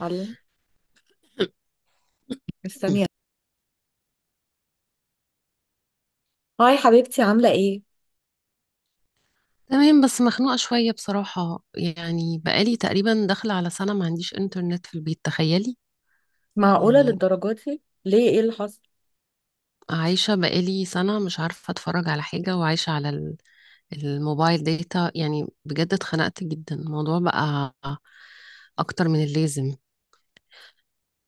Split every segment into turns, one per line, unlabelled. الله. مستنيه. هاي حبيبتي، عامله ايه؟
تمام، بس مخنوقة شوية بصراحة. يعني بقالي تقريبا داخلة على سنة ما عنديش انترنت في البيت، تخيلي.
معقوله
يعني
للدرجات دي؟ ليه، ايه اللي حصل؟
عايشة بقالي سنة مش عارفة اتفرج على حاجة، وعايشة على الموبايل داتا. يعني بجد اتخنقت جدا، الموضوع بقى أكتر من اللازم.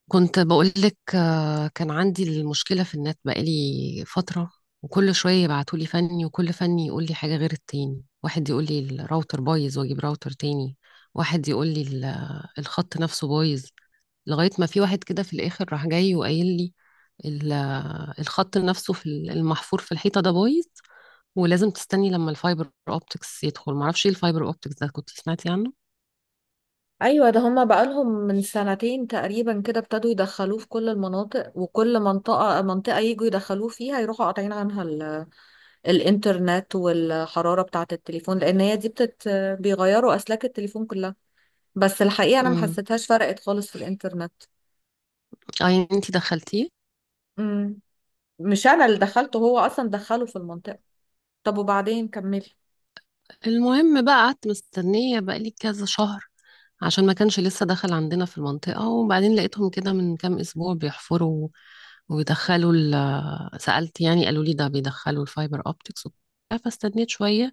كنت بقولك، كان عندي المشكلة في النت بقالي فترة. وكل شوية يبعتولي فني، وكل فني يقولي حاجة غير التاني، واحد يقولي الراوتر بايظ واجيب راوتر تاني، واحد يقولي الخط نفسه بايظ. لغاية ما في واحد كده في الآخر راح جاي وقايل لي ال- الخط نفسه في المحفور في الحيطة ده بايظ. ولازم تستني لما الفايبر اوبتكس يدخل. معرفش ايه الفايبر اوبتكس ده، كنت سمعتي عنه؟
ايوه، ده هما بقالهم من سنتين تقريبا كده ابتدوا يدخلوه في كل المناطق، وكل منطقه منطقه يجوا يدخلوه فيها، يروحوا قاطعين عنها الانترنت والحراره بتاعه التليفون، لان هي دي بيغيروا اسلاك التليفون كلها. بس الحقيقه انا ما
امم.
حسيتهاش فرقت خالص في الانترنت.
اه، يعني انتي دخلتيه؟
امم. مش انا اللي دخلته، هو اصلا دخله في المنطقه. طب وبعدين، كملي.
المهم بقى قعدت مستنية بقالي كذا شهر عشان ما كانش لسه دخل عندنا في المنطقة، وبعدين لقيتهم كده من كام أسبوع بيحفروا. وبيدخلوا سألت يعني، قالوا لي ده بيدخلوا الفايبر أوبتكس وبتاع، فاستنيت شوية.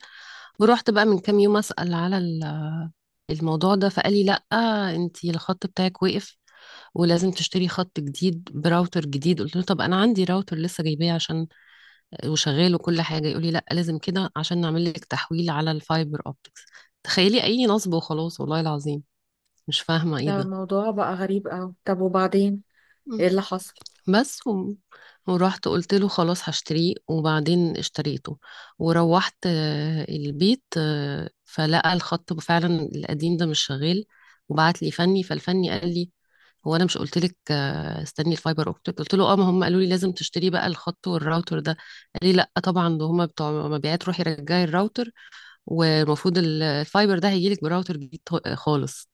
ورحت بقى من كام يوم أسأل على الموضوع ده، فقال لي لأ، أنتي الخط بتاعك وقف، ولازم تشتري خط جديد براوتر جديد. قلت له طب أنا عندي راوتر لسه جايباه عشان وشغال وكل حاجة، يقولي لأ لازم كده عشان نعمل لك تحويل على الفايبر أوبتكس. تخيلي، أي نصب وخلاص والله العظيم. مش فاهمة إيه
ده
ده.
موضوع بقى غريب قوي. طب وبعدين،
مم.
ايه اللي حصل؟
بس ورحت قلت له خلاص هشتريه، وبعدين اشتريته وروحت البيت، فلقى الخط فعلا القديم ده مش شغال. وبعت لي فني، فالفني قال لي هو انا مش قلت لك استني الفايبر اوبتيك؟ قلت له اه، ما هم قالوا لي لازم تشتري بقى الخط والراوتر ده. قال لي لا طبعا، ده هم بتوع مبيعات، روحي رجعي الراوتر، والمفروض الفايبر ده هيجيلك براوتر جديد خالص.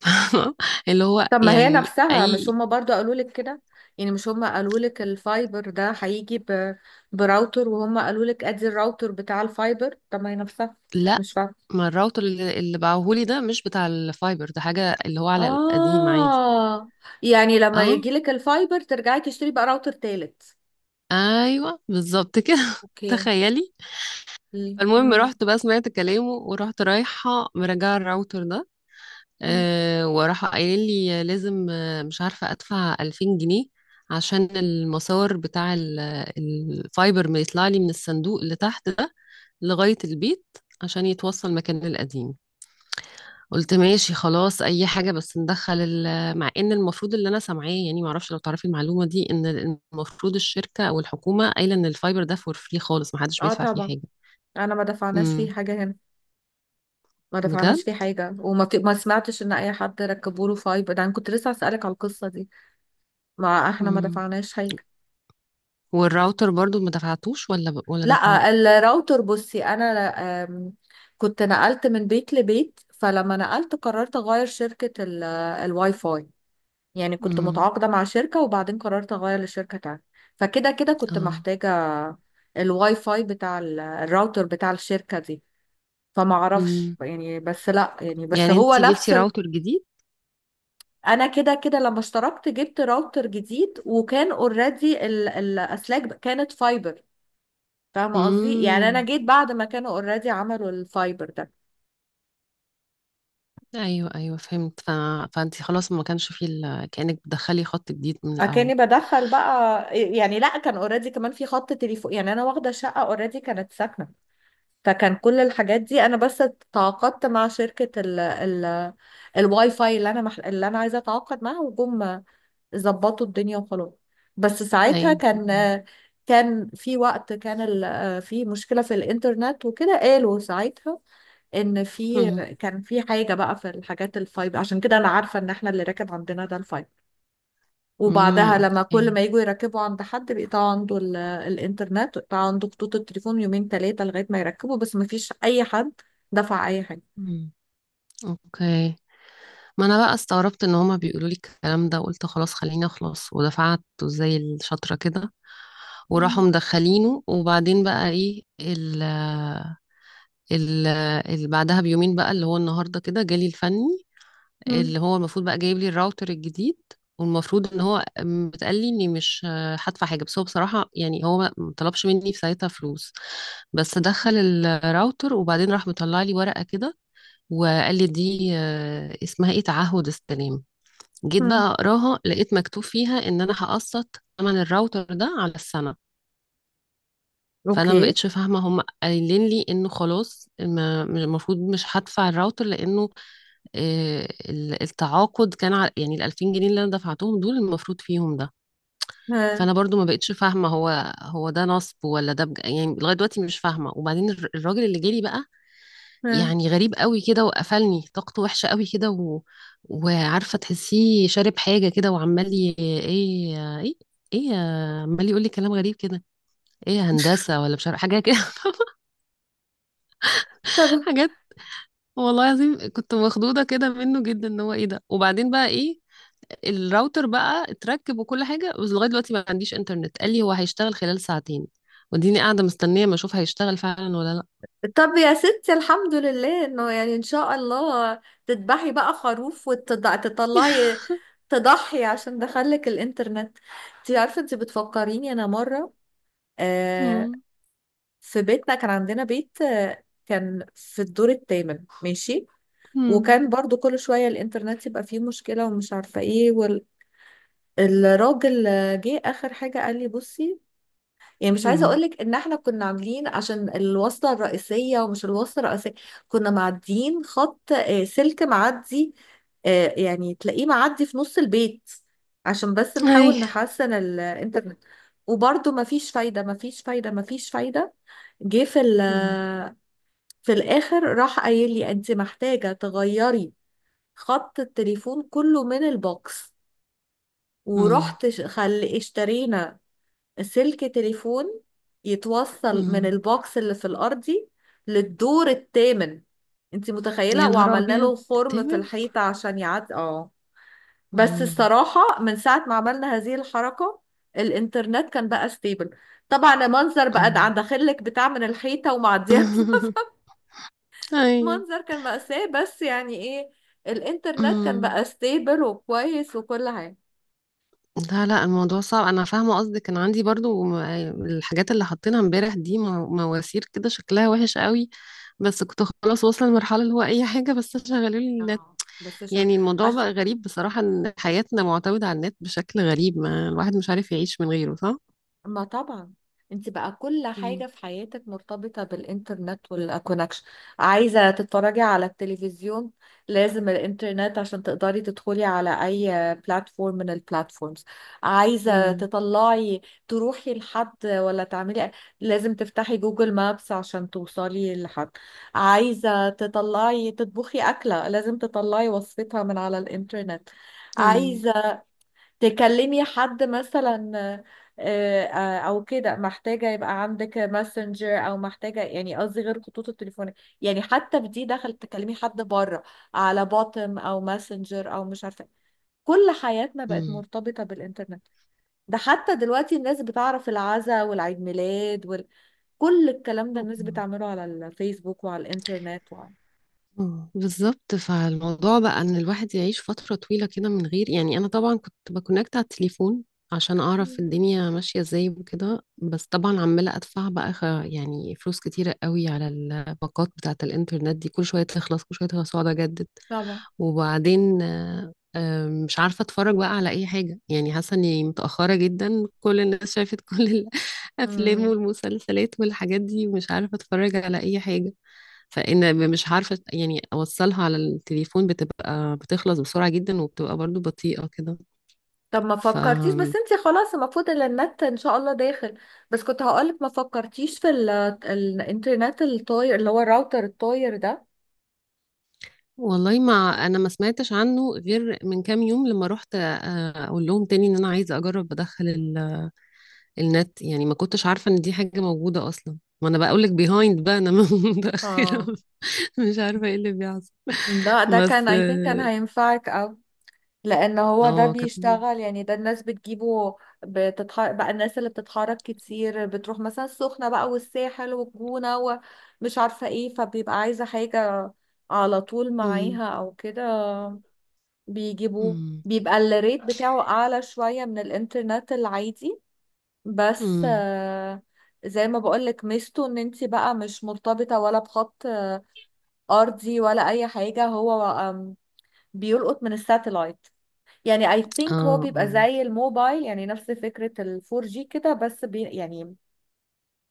اللي هو
طب ما هي
يعني
نفسها، مش
اي.
هما برضو قالوا لك كده؟ يعني مش هما قالوا لك الفايبر ده هيجي براوتر؟ وهما قالوا لك ادي الراوتر بتاع الفايبر، طب ما هي نفسها.
لا،
مش فاهمه.
ما الراوتر اللي باعهولي ده مش بتاع الفايبر، ده حاجة اللي هو على القديم عادي.
اه. يعني لما
اه،
يجي لك الفايبر ترجعي تشتري بقى راوتر تالت؟
ايوه بالظبط كده.
اوكي.
تخيلي. المهم
امم.
رحت بقى سمعت كلامه، ورحت رايحة مراجعة الراوتر ده. أه، وراح قايل لي لازم، مش عارفة، أدفع 2000 جنيه عشان المسار بتاع الفايبر ما يطلع لي من الصندوق اللي تحت لغاية البيت، عشان يتوصل مكان القديم. قلت ماشي خلاص، اي حاجة بس ندخل مع ان المفروض اللي انا سامعاه يعني، معرفش لو تعرفي المعلومة دي، ان المفروض الشركة او الحكومة قايلة ان الفايبر ده فور فري خالص، محدش
اه
بيدفع فيه
طبعا.
حاجة.
انا ما دفعناش
امم.
فيه حاجه هنا. ما دفعناش
بجد؟
فيه حاجه، ما سمعتش ان اي حد ركبوا له فايبر ده، انا كنت لسه اسالك على القصه دي. ما احنا ما
امم.
دفعناش حاجه.
والراوتر برضو ما دفعتوش ولا ولا
لا
دفعته؟
الراوتر، بصي انا آم، كنت نقلت من بيت لبيت، فلما نقلت قررت اغير شركة الواي فاي. يعني كنت
امم.
متعاقدة مع شركة وبعدين قررت اغير لشركة تانية. فكده كده كنت
اه.
محتاجة الواي فاي بتاع الراوتر بتاع الشركة دي. فما اعرفش
امم.
يعني، بس لا، يعني بس
يعني
هو
انتي
نفس
جبتي راوتر جديد؟
انا كده كده لما اشتركت جبت راوتر جديد، وكان اوريدي الاسلاك كانت فايبر. فاهمة قصدي؟ يعني انا
امم.
جيت بعد ما كانوا اوريدي عملوا الفايبر ده.
ايوه، ايوه فهمت. فانتي خلاص ما كانش فيه كأنك بتدخلي خط جديد من الاول.
اكاني بدخل بقى. يعني لا، كان اوريدي كمان في خط تليفون، يعني انا واخدة شقة اوريدي كانت ساكنة. فكان كل الحاجات دي، انا بس تعاقدت مع شركة ال الواي فاي اللي انا عايزة اتعاقد معاها، وجم ظبطوا الدنيا وخلاص. بس
ايوه،
ساعتها كان،
أيوه.
كان في وقت، كان في مشكلة في الانترنت وكده. قالوا ساعتها ان في،
مم.
كان في حاجه بقى في الحاجات الفايب، عشان كده انا عارفه ان احنا اللي راكب عندنا ده الفايب.
مم.
وبعدها لما كل
اوكي.
ما يجوا يركبوا عند حد بيقطع عنده الانترنت، ويقطع عنده خطوط التليفون يومين ثلاثه لغايه ما يركبوا. بس ما فيش اي حد دفع اي حاجه.
مم. اوكي. ما انا بقى استغربت ان هما بيقولوا لي الكلام ده، وقلت خلاص خليني اخلص، ودفعت زي الشاطرة كده. وراحوا
مم.
مدخلينه. وبعدين بقى ايه، ال ال ال بعدها بيومين بقى، اللي هو النهارده كده، جالي الفني،
مم.
اللي هو المفروض بقى جايب لي الراوتر الجديد. والمفروض ان هو بتقال لي اني مش هدفع حاجه. بس هو بصراحه يعني، هو ما طلبش مني في ساعتها فلوس. بس دخل الراوتر، وبعدين راح مطلع لي ورقه كده، وقال لي دي اسمها ايه، تعهد السلام. جيت
مم.
بقى اقراها، لقيت مكتوب فيها ان انا هقسط ثمن الراوتر ده على السنه. فانا ما
اوكي.
بقتش فاهمه، هم قايلين لي انه خلاص المفروض مش هدفع الراوتر، لانه التعاقد كان على يعني ال 2000 جنيه اللي انا دفعتهم دول، المفروض فيهم ده.
ها.
فانا برضو ما بقتش فاهمه، هو هو ده نصب ولا ده يعني لغايه دلوقتي مش فاهمه. وبعدين الراجل اللي جالي بقى،
ها.
يعني غريب قوي كده وقفلني، طاقته وحشة قوي كده وعارفة تحسيه شارب حاجة كده، وعمال ايه ايه ايه عمال يقول لي كلام غريب كده، ايه يا هندسة ولا مش عارفة حاجة كده.
طب.
حاجات. والله العظيم كنت مخضوضة كده منه جدا، ان هو ايه ده. وبعدين بقى ايه، الراوتر بقى اتركب وكل حاجة، بس لغاية دلوقتي ما عنديش انترنت. قال لي هو هيشتغل خلال ساعتين، وديني قاعدة مستنية ما اشوف هيشتغل فعلا ولا لا.
طب يا ستي، الحمد لله انه يعني، ان شاء الله تذبحي بقى خروف وتطلعي تضحي عشان دخلك الانترنت. انت عارفه انت بتفكريني انا مره. آه.
مم.
في بيتنا كان عندنا بيت، آه، كان في الدور الثامن، ماشي.
مم.
وكان برضو كل شويه الانترنت يبقى فيه مشكله ومش عارفه ايه. والراجل جه اخر حاجه قال لي بصي، يعني مش عايزه
مم.
اقولك ان احنا كنا عاملين عشان الوصله الرئيسيه ومش الوصله الرئيسيه. كنا معديين خط، سلك معدي، يعني تلاقيه معدي في نص البيت عشان بس
اي.
نحاول نحسن الانترنت. وبرضه مفيش فايده، مفيش فايده، مفيش فايده. جه في
مم.
في الاخر راح قايل لي: انت محتاجه تغيري خط التليفون كله من البوكس.
مم.
ورحت اشترينا سلك تليفون يتوصل من
مم.
البوكس اللي في الأرضي للدور الثامن. انت
يا
متخيلة؟
نهار
وعملنا
أبيض،
له خرم في
التامن؟
الحيطة عشان يعدي، اه. بس
مم.
الصراحة من ساعة ما عملنا هذه الحركة، الإنترنت كان بقى ستيبل. طبعا المنظر بقى ده
مم.
عند داخلك بتاع من الحيطة ومعديها،
أيوه.
منظر كان مأساة، بس يعني ايه، الإنترنت كان
مم.
بقى ستيبل وكويس وكل حاجة.
لا لا، الموضوع صعب، أنا فاهمة قصدك. كان عندي برضو الحاجات اللي حطينا امبارح دي، مواسير كده، شكلها وحش قوي. بس كنت خلاص واصلة لمرحلة اللي هو أي حاجة بس شغلوا لي النت.
اه بس عشان،
يعني الموضوع
عشان
بقى غريب بصراحة، إن حياتنا معتمدة على النت بشكل غريب، ما الواحد مش عارف يعيش من غيره، صح؟
ما، طبعا انت بقى كل
مم.
حاجة في حياتك مرتبطة بالانترنت والكونكشن. عايزة تتفرجي على التلفزيون، لازم الانترنت عشان تقدري تدخلي على اي بلاتفورم من البلاتفورمز. عايزة
مم.
تطلعي تروحي لحد ولا تعملي، لازم تفتحي جوجل مابس عشان توصلي لحد. عايزة تطلعي تطبخي أكلة، لازم تطلعي وصفتها من على الانترنت.
أيوه.
عايزة تكلمي حد مثلا، او كده، محتاجة يبقى عندك ماسنجر، او محتاجة، يعني قصدي غير خطوط التليفون، يعني حتى في دي دخل تكلمي حد بره على بوتم او ماسنجر او مش عارفة. كل حياتنا بقت مرتبطة بالإنترنت. ده حتى دلوقتي الناس بتعرف العزا والعيد ميلاد وكل الكلام ده الناس
مم.
بتعمله على الفيسبوك وعلى الإنترنت وعلى...
بالظبط. فالموضوع بقى ان الواحد يعيش فترة طويلة كده من غير، يعني انا طبعا كنت بكونكت على التليفون عشان اعرف
مم.
الدنيا ماشية ازاي وكده، بس طبعا عمالة ادفع بقى يعني فلوس كتيرة قوي على الباقات بتاعة الانترنت دي. كل شوية تخلص، كل شوية تخلص واقعد اجدد.
طبعا.
وبعدين مش عارفة اتفرج بقى على اي حاجة، يعني حاسة اني متأخرة جدا، كل الناس شافت كل الافلام
مم.
والمسلسلات والحاجات دي، ومش عارفة اتفرج على اي حاجة. فإن مش عارفة يعني، أوصلها على التليفون بتبقى بتخلص بسرعة جدا، وبتبقى برضو بطيئة كده.
طب ما
ف
فكرتيش بس انتي، خلاص المفروض ان النت ان شاء الله داخل، بس كنت هقولك ما فكرتيش في الانترنت الطاير، اللي هو الراوتر الطاير ده.
والله ما أنا ما سمعتش عنه غير من كام يوم، لما رحت أقول لهم تاني إن أنا عايزة أجرب أدخل النت. يعني ما كنتش عارفة إن دي حاجة موجودة أصلا، ما أنا بقول لك بيهايند بقى أنا. متأخرة،
اه.
مش عارفة إيه اللي بيحصل.
ده كان
بس.
I think كان هينفعك، او لان هو ده
اه، كانت.
بيشتغل. يعني ده الناس بتجيبه، بتتحرك بقى، الناس اللي بتتحرك كتير بتروح مثلا السخنة بقى والساحل والجونة ومش عارفة ايه، فبيبقى عايزة حاجة على طول
مم،
معاها او كده. بيجيبوه،
مم،
بيبقى الريت بتاعه أعلى شوية من الإنترنت العادي. بس
مم.
زي ما بقولك، ميزته إن انت بقى مش مرتبطة ولا بخط أرضي ولا أي حاجة. هو آم، بيلقط من الساتلايت. يعني I
اه،
think هو بيبقى
اه.
زي الموبايل، يعني نفس فكرة الفور جي كده، بس بي يعني،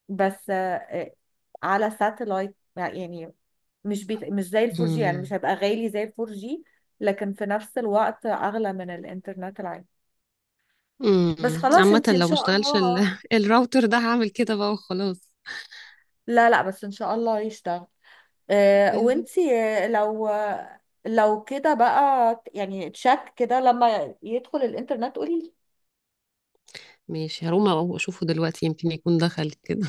بس على ساتلايت يعني. مش مش زي الفور جي، يعني
مم.
مش هيبقى غالي زي الفور جي، لكن في نفس الوقت أغلى من الإنترنت العادي. بس خلاص
عامة
انتي ان
لو ما
شاء
اشتغلش
الله.
الراوتر ده هعمل كده بقى وخلاص.
لا لا بس ان شاء الله يشتغل. اه.
يا رب.
وانتي لو كده بقى يعني، تشك كده لما يدخل الانترنت قولي لي.
ماشي هروح اشوفه دلوقتي، يمكن يكون دخل كده.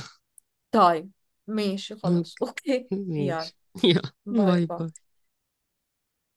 طيب. ماشي خلاص. اوكي.
اوكي.
يلا
ماشي. يلا
باي
باي
باي.
باي.